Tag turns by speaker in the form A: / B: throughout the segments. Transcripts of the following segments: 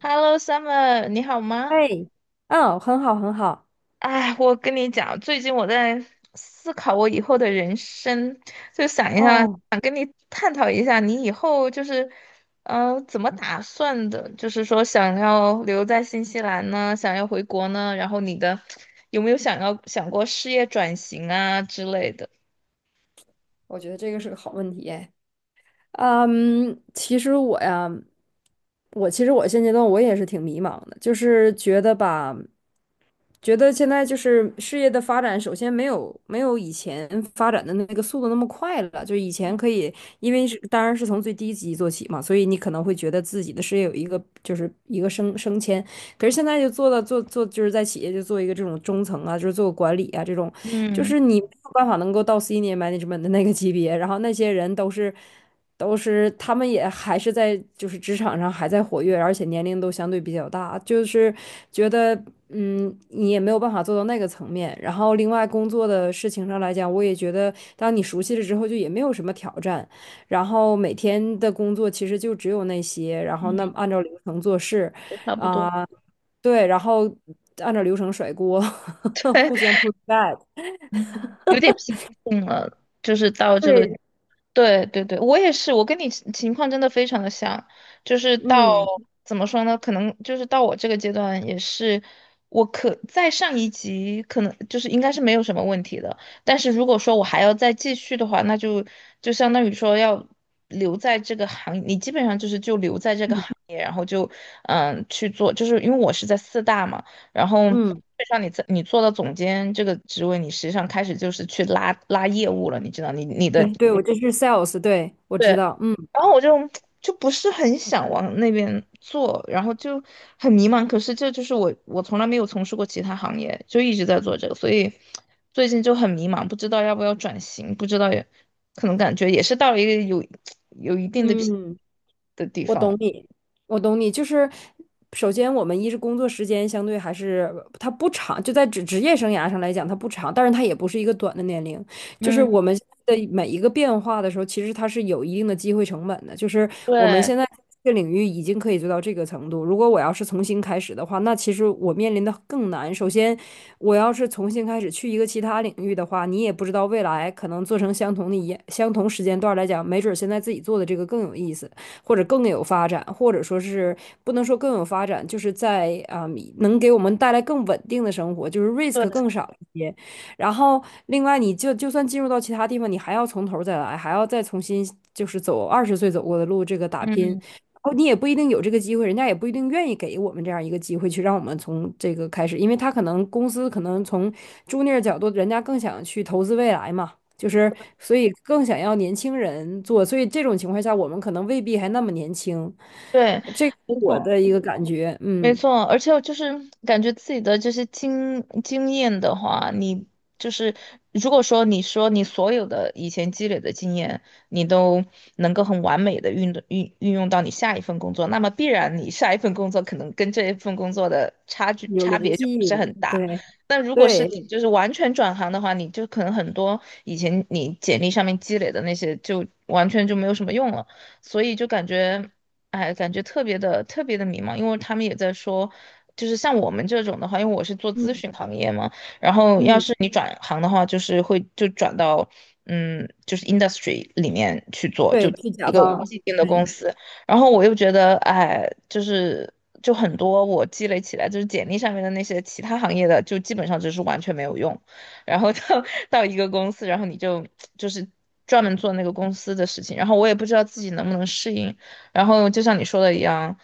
A: Hello Summer，你好吗？
B: 哎，嗯，很好，很好。
A: 哎，我跟你讲，最近我在思考我以后的人生，就想一下，
B: 哦，
A: 想跟你探讨一下，你以后就是，怎么打算的？就是说，想要留在新西兰呢，想要回国呢，然后你的有没有想过事业转型啊之类的？
B: 我觉得这个是个好问题哎。其实我其实现阶段我也是挺迷茫的，就是觉得吧，觉得现在就是事业的发展，首先没有以前发展的那个速度那么快了。就以前可以，因为是当然是从最低级做起嘛，所以你可能会觉得自己的事业有一个就是一个升迁。可是现在就做到做就是在企业就做一个这种中层啊，就是做管理啊这种，就
A: 嗯
B: 是你没有办法能够到 senior management 的那个级别，然后那些人都是。都是他们也还是在就是职场上还在活跃，而且年龄都相对比较大，就是觉得你也没有办法做到那个层面。然后另外工作的事情上来讲，我也觉得当你熟悉了之后，就也没有什么挑战。然后每天的工作其实就只有那些，然后那
A: 嗯，
B: 按照流程做事，
A: 差不
B: 啊、
A: 多。
B: 对，然后按照流程甩锅，互相 push back。
A: 嗯，有点平静了，就是到这个。
B: 对，
A: 对对对，我也是，我跟你情况真的非常的像，就是到
B: 嗯
A: 怎么说呢？可能就是到我这个阶段也是，我可在上一级可能就是应该是没有什么问题的，但是如果说我还要再继续的话，那就相当于说要留在这个行业，你基本上就是就留在这个
B: 嗯
A: 行业，然后就去做，就是因为我是在四大嘛，然后。
B: 嗯，
A: 让你在你做到总监这个职位，你实际上开始就是去拉拉业务了，你知道，你的。
B: 对对，我这是 sales,对，我知
A: 对。
B: 道，嗯。
A: 然后我就不是很想往那边做，然后就很迷茫。可是这就是我，我从来没有从事过其他行业，就一直在做这个，所以最近就很迷茫，不知道要不要转型，不知道也可能感觉也是到了一个有一定的疲
B: 嗯，
A: 的地
B: 我
A: 方。
B: 懂你，我懂你。就是首先，我们一是工作时间相对还是它不长，就在职业生涯上来讲，它不长，但是它也不是一个短的年龄。就是
A: 嗯，
B: 我们现在的每一个变化的时候，其实它是有一定的机会成本的。就是我们
A: 对
B: 现在这个领域已经可以做到这个程度，如果我要是重新开始的话，那其实我面临的更难。首先，我要是重新开始去一个其他领域的话，你也不知道未来可能做成相同时间段来讲，没准儿现在自己做的这个更有意思。或者更有发展，或者说是不能说更有发展，就是在能给我们带来更稳定的生活，就是 risk
A: 对，
B: 更少一些。然后另外，你就就算进入到其他地方，你还要从头再来，还要再重新就是走二十岁走过的路，这个打拼。
A: 嗯
B: 然后你也不一定有这个机会，人家也不一定愿意给我们这样一个机会去让我们从这个开始，因为他可能公司可能从 junior 角度，人家更想去投资未来嘛。就是，所以更想要年轻人做，所以这种情况下，我们可能未必还那么年轻。
A: 对，没
B: 我
A: 错。
B: 的一个感觉，
A: 没
B: 嗯，
A: 错，而且我就是感觉自己的这些经验的话，你就是如果说你说你所有的以前积累的经验，你都能够很完美的运用到你下一份工作，那么必然你下一份工作可能跟这一份工作的差距
B: 有
A: 差
B: 联
A: 别就不
B: 系，
A: 是很大。
B: 对
A: 但如果是
B: 对，
A: 你就是完全转行的话，你就可能很多以前你简历上面积累的那些就完全就没有什么用了，所以就感觉。哎，感觉特别的特别的迷茫，因为他们也在说，就是像我们这种的话，因为我是做咨
B: 嗯
A: 询行业嘛，然后要
B: 嗯，
A: 是你转行的话，就是会就转到就是 industry 里面去做，就
B: 对，去
A: 一
B: 甲
A: 个
B: 方，
A: 既定的公
B: 对，
A: 司。然后我又觉得，哎，就是就很多我积累起来，就是简历上面的那些其他行业的，就基本上就是完全没有用。然后到 到一个公司，然后你就是专门做那个公司的事情，然后我也不知道自己能不能适应。然后就像你说的一样，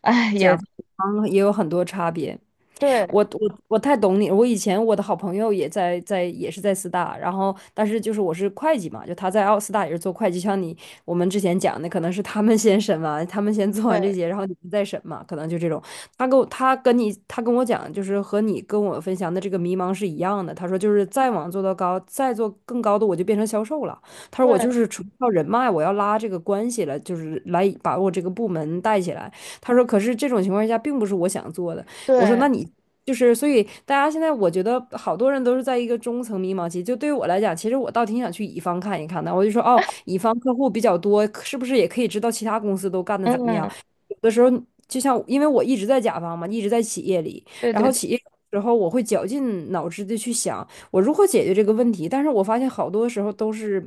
A: 哎，
B: 甲
A: 也
B: 方也有很多差别。
A: 对，
B: 我太懂你，我以前我的好朋友也也是在四大，然后但是就是我是会计嘛，就他在奥斯大也是做会计，像你我们之前讲的，可能是他们先审完，他们先做完这
A: 对，
B: 些，然后你们再审嘛，可能就这种。他跟我讲，就是和你跟我分享的这个迷茫是一样的。他说就是再往做到高，再做更高的，我就变成销售了。他说我就
A: 对，
B: 是纯靠人脉，我要拉这个关系了，就是来把我这个部门带起来。他说可是这种情况下并不是我想做的。我说
A: 对，
B: 那你就是，所以大家现在我觉得好多人都是在一个中层迷茫期。就对于我来讲，其实我倒挺想去乙方看一看的。我就说哦，乙方客户比较多，是不是也可以知道其他公司都干的怎么样？
A: 嗯，
B: 有的时候就像，因为我一直在甲方嘛，一直在企业里，
A: 对
B: 然
A: 对
B: 后
A: 对，
B: 企业有时候我会绞尽脑汁的去想我如何解决这个问题，但是我发现好多时候都是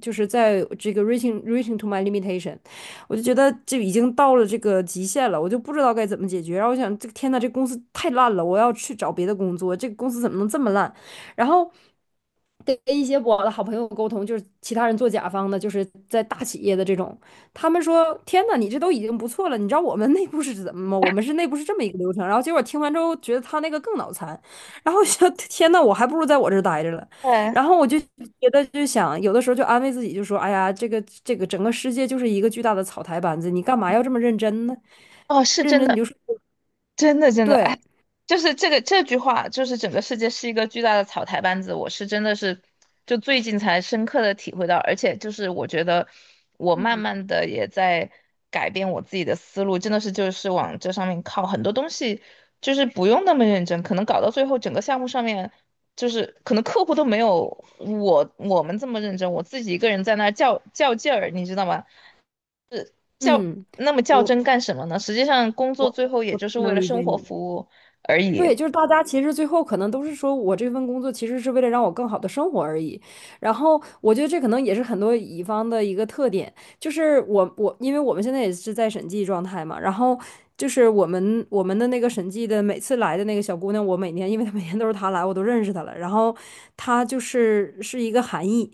B: 就是在这个 reaching to my limitation,我就觉得这已经到了这个极限了，我就不知道该怎么解决。然后我想，这个天呐，这公司太烂了，我要去找别的工作，这个公司怎么能这么烂？然后。跟一些我的好朋友沟通，就是其他人做甲方的，就是在大企业的这种，他们说："天呐，你这都已经不错了，你知道我们内部是怎么吗？我们是内部是这么一个流程。"然后结果听完之后，觉得他那个更脑残，然后想： 天呐，我还不如在我这儿待着了。"
A: 对，
B: 然后我就觉得就想，有的时候就安慰自己，就说："哎呀，这个这个整个世界就是一个巨大的草台班子，你干嘛要这么认真呢？
A: 哦，是
B: 认
A: 真
B: 真你
A: 的，
B: 就说
A: 真的真的，哎。
B: 对，
A: 就是这句话，就是整个世界是一个巨大的草台班子。我是真的是，就最近才深刻的体会到，而且就是我觉得我慢
B: 嗯
A: 慢的也在改变我自己的思路，真的是就是往这上面靠，很多东西就是不用那么认真，可能搞到最后整个项目上面，就是可能客户都没有我们这么认真，我自己一个人在那儿较劲儿，你知道吗？较
B: 嗯，
A: 那么较
B: 我
A: 真干什么呢？实际上工作
B: 我
A: 最后也
B: 我
A: 就是为
B: 能
A: 了
B: 理
A: 生
B: 解
A: 活
B: 你。"
A: 服务而已。
B: 对，就是大家其实最后可能都是说我这份工作其实是为了让我更好的生活而已，然后我觉得这可能也是很多乙方的一个特点。就是我我，因为我们现在也是在审计状态嘛，然后就是我们的那个审计的每次来的那个小姑娘，我每年因为她每年都是她来，我都认识她了。然后她就是是一个韩裔，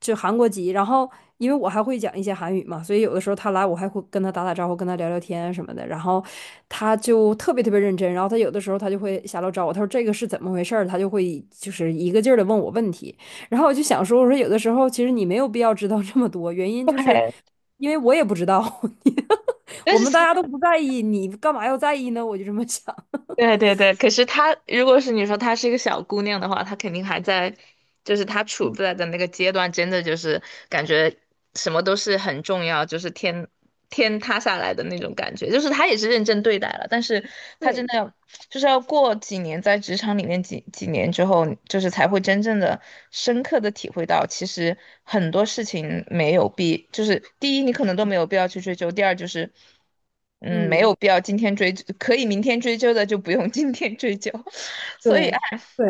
B: 就韩国籍。然后因为我还会讲一些韩语嘛，所以有的时候她来，我还会跟她打打招呼，跟她聊聊天什么的。然后她就特别特别认真，然后她有的时候她就会下楼找我，她说这个是怎么回事儿，她就会就是一个劲儿的问我问题。然后我就想说，我说有的时候其实你没有必要知道这么多，原因就是
A: 对，
B: 因为我也不知道，
A: 但
B: 我
A: 是
B: 们大家都不在意，你干嘛要在意呢？我就这么想。
A: 对对对。可是她如果是你说她是一个小姑娘的话，她肯定还在，就是她处在的那个阶段，真的就是感觉什么都是很重要，就是天塌下来的那种感觉。就是她也是认真对待了，但是她真
B: 对，
A: 的要就是要过几年在职场里面几年之后，就是才会真正的深刻的体会到。其实很多事情没有必，就是第一你可能都没有必要去追究，第二就是。嗯，没有
B: 嗯，
A: 必要今天追，可以明天追究的就不用今天追究。所以，哎，
B: 对，对，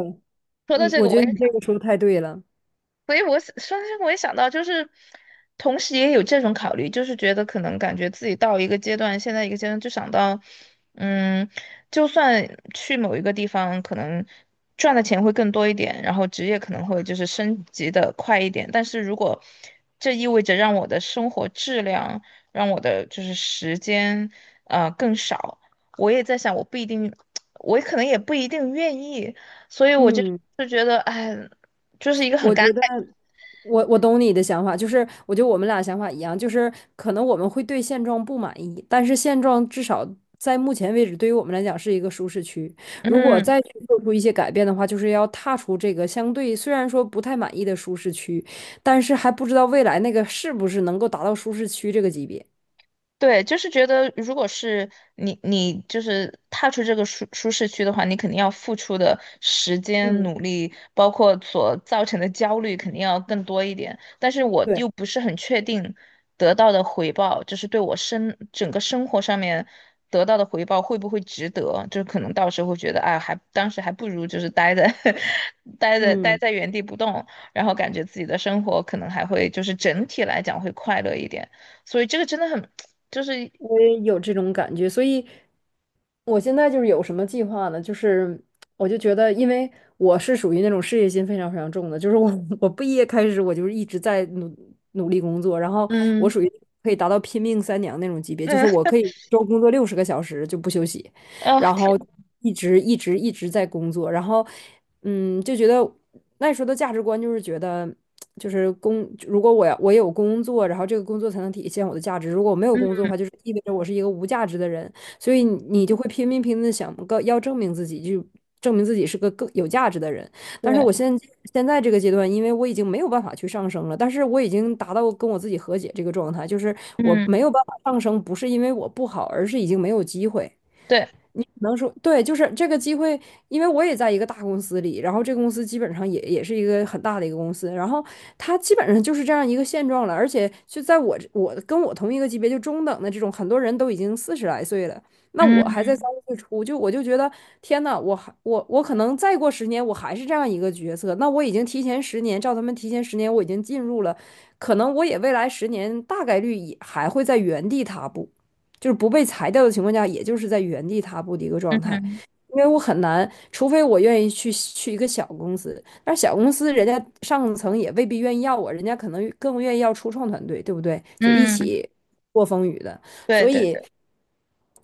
A: 说到
B: 嗯，
A: 这
B: 我
A: 个，
B: 觉
A: 我
B: 得
A: 也。
B: 你这个说的太对了。
A: 所以我想，我也想到，就是同时也有这种考虑，就是觉得可能感觉自己到一个阶段，现在一个阶段就想到，嗯，就算去某一个地方，可能赚的钱会更多一点，然后职业可能会就是升级的快一点，但是如果这意味着让我的生活质量，让我的就是时间，更少，我也在想，我不一定，我可能也不一定愿意，所以我就
B: 嗯。
A: 就觉得，哎。就是一个很
B: 我
A: 尴
B: 觉得
A: 尬。
B: 我懂你的想法，就是我觉得我们俩想法一样，就是可能我们会对现状不满意，但是现状至少在目前为止，对于我们来讲是一个舒适区。如果
A: 嗯，
B: 再去做出一些改变的话，就是要踏出这个相对虽然说不太满意的舒适区，但是还不知道未来那个是不是能够达到舒适区这个级别。
A: 对，就是觉得，如果是你，你就是踏出这个舒适区的话，你肯定要付出的时间、
B: 嗯，
A: 努力，包括所造成的焦虑，肯定要更多一点。但是我
B: 对，
A: 又不是很确定得到的回报，就是对我整个生活上面得到的回报会不会值得？就是可能到时候会觉得，哎，当时还不如就是待在 待在待
B: 嗯，
A: 在原地不动，然后感觉自己的生活可能还会就是整体来讲会快乐一点。所以这个真的很，就是
B: 我也有这种感觉，所以。我现在就是有什么计划呢？就是我就觉得，因为我是属于那种事业心非常非常重的，就是我 我毕业开始我就是一直在努力工作，然后我
A: 嗯
B: 属于可以达到拼命三娘那种级别，就是
A: 嗯
B: 我可以一周工作60个小时就不休息，
A: 啊
B: 然后
A: 天，
B: 一直一直一直在工作，然后就觉得那时候的价值观就是觉得。就是工，如果我要我有工作，然后这个工作才能体现我的价值。如果我没有工作
A: 嗯
B: 的话，就是意味着我是一个无价值的人。所以你就会拼命拼命的想个要证明自己，就证明自己是个更有价值的人。但是我
A: 对
B: 现在这个阶段，因为我已经没有办法去上升了，但是我已经达到跟我自己和解这个状态，就是我没
A: 嗯
B: 有办法上升，不是因为我不好，而是已经没有机会。
A: 对
B: 你可能说对，就是这个机会，因为我也在一个大公司里，然后这个公司基本上也是一个很大的一个公司，然后它基本上就是这样一个现状了，而且就在我这我跟我同一个级别就中等的这种，很多人都已经40来岁了，那我还在
A: 嗯
B: 30岁初，就我就觉得天呐，我还我我可能再过十年我还是这样一个角色，那我已经提前十年，照他们提前十年我已经进入了，可能我也未来十年大概率也还会在原地踏步。就是不被裁掉的情况下，也就是在原地踏步的一个状态。
A: 嗯
B: 因为我很难，除非我愿意去一个小公司，但是小公司人家上层也未必愿意要我，人家可能更愿意要初创团队，对不对？就一
A: 嗯
B: 起过风雨的，
A: 对
B: 所
A: 对
B: 以
A: 对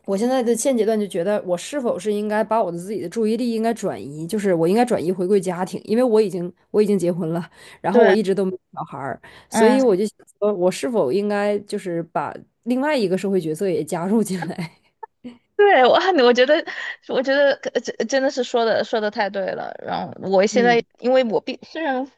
B: 我现在的现阶段就觉得，我是否是应该把我的自己的注意力应该转移，就是我应该转移回归家庭，因为我已经结婚了，然后我
A: 对
B: 一直都没有小孩儿，所以我
A: 嗯。
B: 就想说，我是否应该就是把另外一个社会角色也加入进来？
A: 对，我觉得，我觉得真的是说的太对了。然后我 现在，
B: 嗯
A: 因为我虽然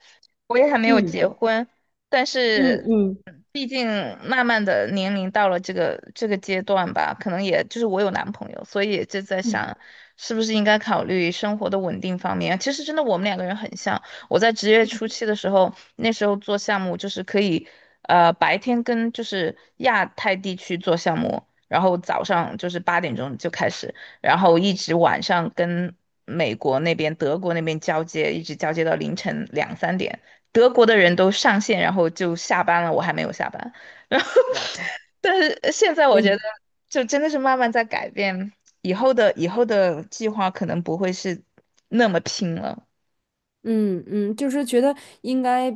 A: 我也还没有
B: 嗯
A: 结婚，但
B: 嗯
A: 是
B: 嗯
A: 毕竟慢慢的年龄到了这个阶段吧，可能也就是我有男朋友，所以也就在想，是不是应该考虑生活的稳定方面。其实真的我们两个人很像，我在职业
B: 嗯，
A: 初期的时候，那时候做项目就是可以，白天跟就是亚太地区做项目。然后早上就是8点钟就开始，然后一直晚上跟美国那边、德国那边交接，一直交接到凌晨两三点。德国的人都上线，然后就下班了，我还没有下班。然后，
B: 哇，
A: 但是现在我觉得，就真的是慢慢在改变。以后的计划可能不会是那么拼了。
B: 嗯嗯，就是觉得应该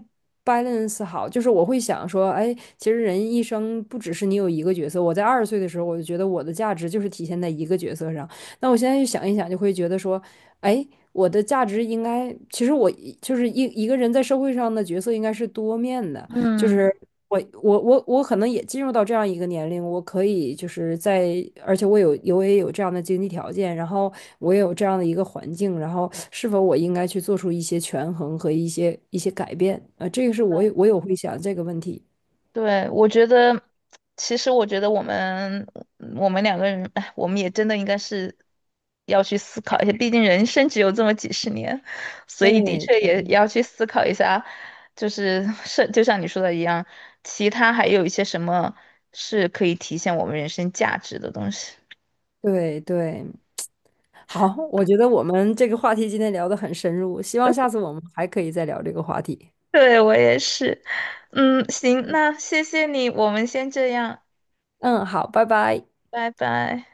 B: balance 好，就是我会想说，哎，其实人一生不只是你有一个角色。我在二十岁的时候，我就觉得我的价值就是体现在一个角色上。那我现在就想一想，就会觉得说，哎，我的价值应该，其实我一就是一一个人在社会上的角色应该是多面的。就
A: 嗯。
B: 是我可能也进入到这样一个年龄，我可以就是在，而且我也有这样的经济条件，然后我也有这样的一个环境，然后是否我应该去做出一些权衡和一些改变？啊，这个是我
A: 对。
B: 有我有会想这个问题。
A: 对，我觉得，其实我觉得我们我们两个人，哎，我们也真的应该是要去思考一下，毕竟人生只有这么几十年，所以的确
B: 对
A: 也要去思考一下，就是就像你说的一样，其他还有一些什么是可以体现我们人生价值的东西。
B: 对对，好，我觉得我们这个话题今天聊得很深入，希望下次我们还可以再聊这个话题。
A: 对，我也是，嗯，行，那谢谢你，我们先这样，
B: 嗯，好，拜拜。
A: 拜拜。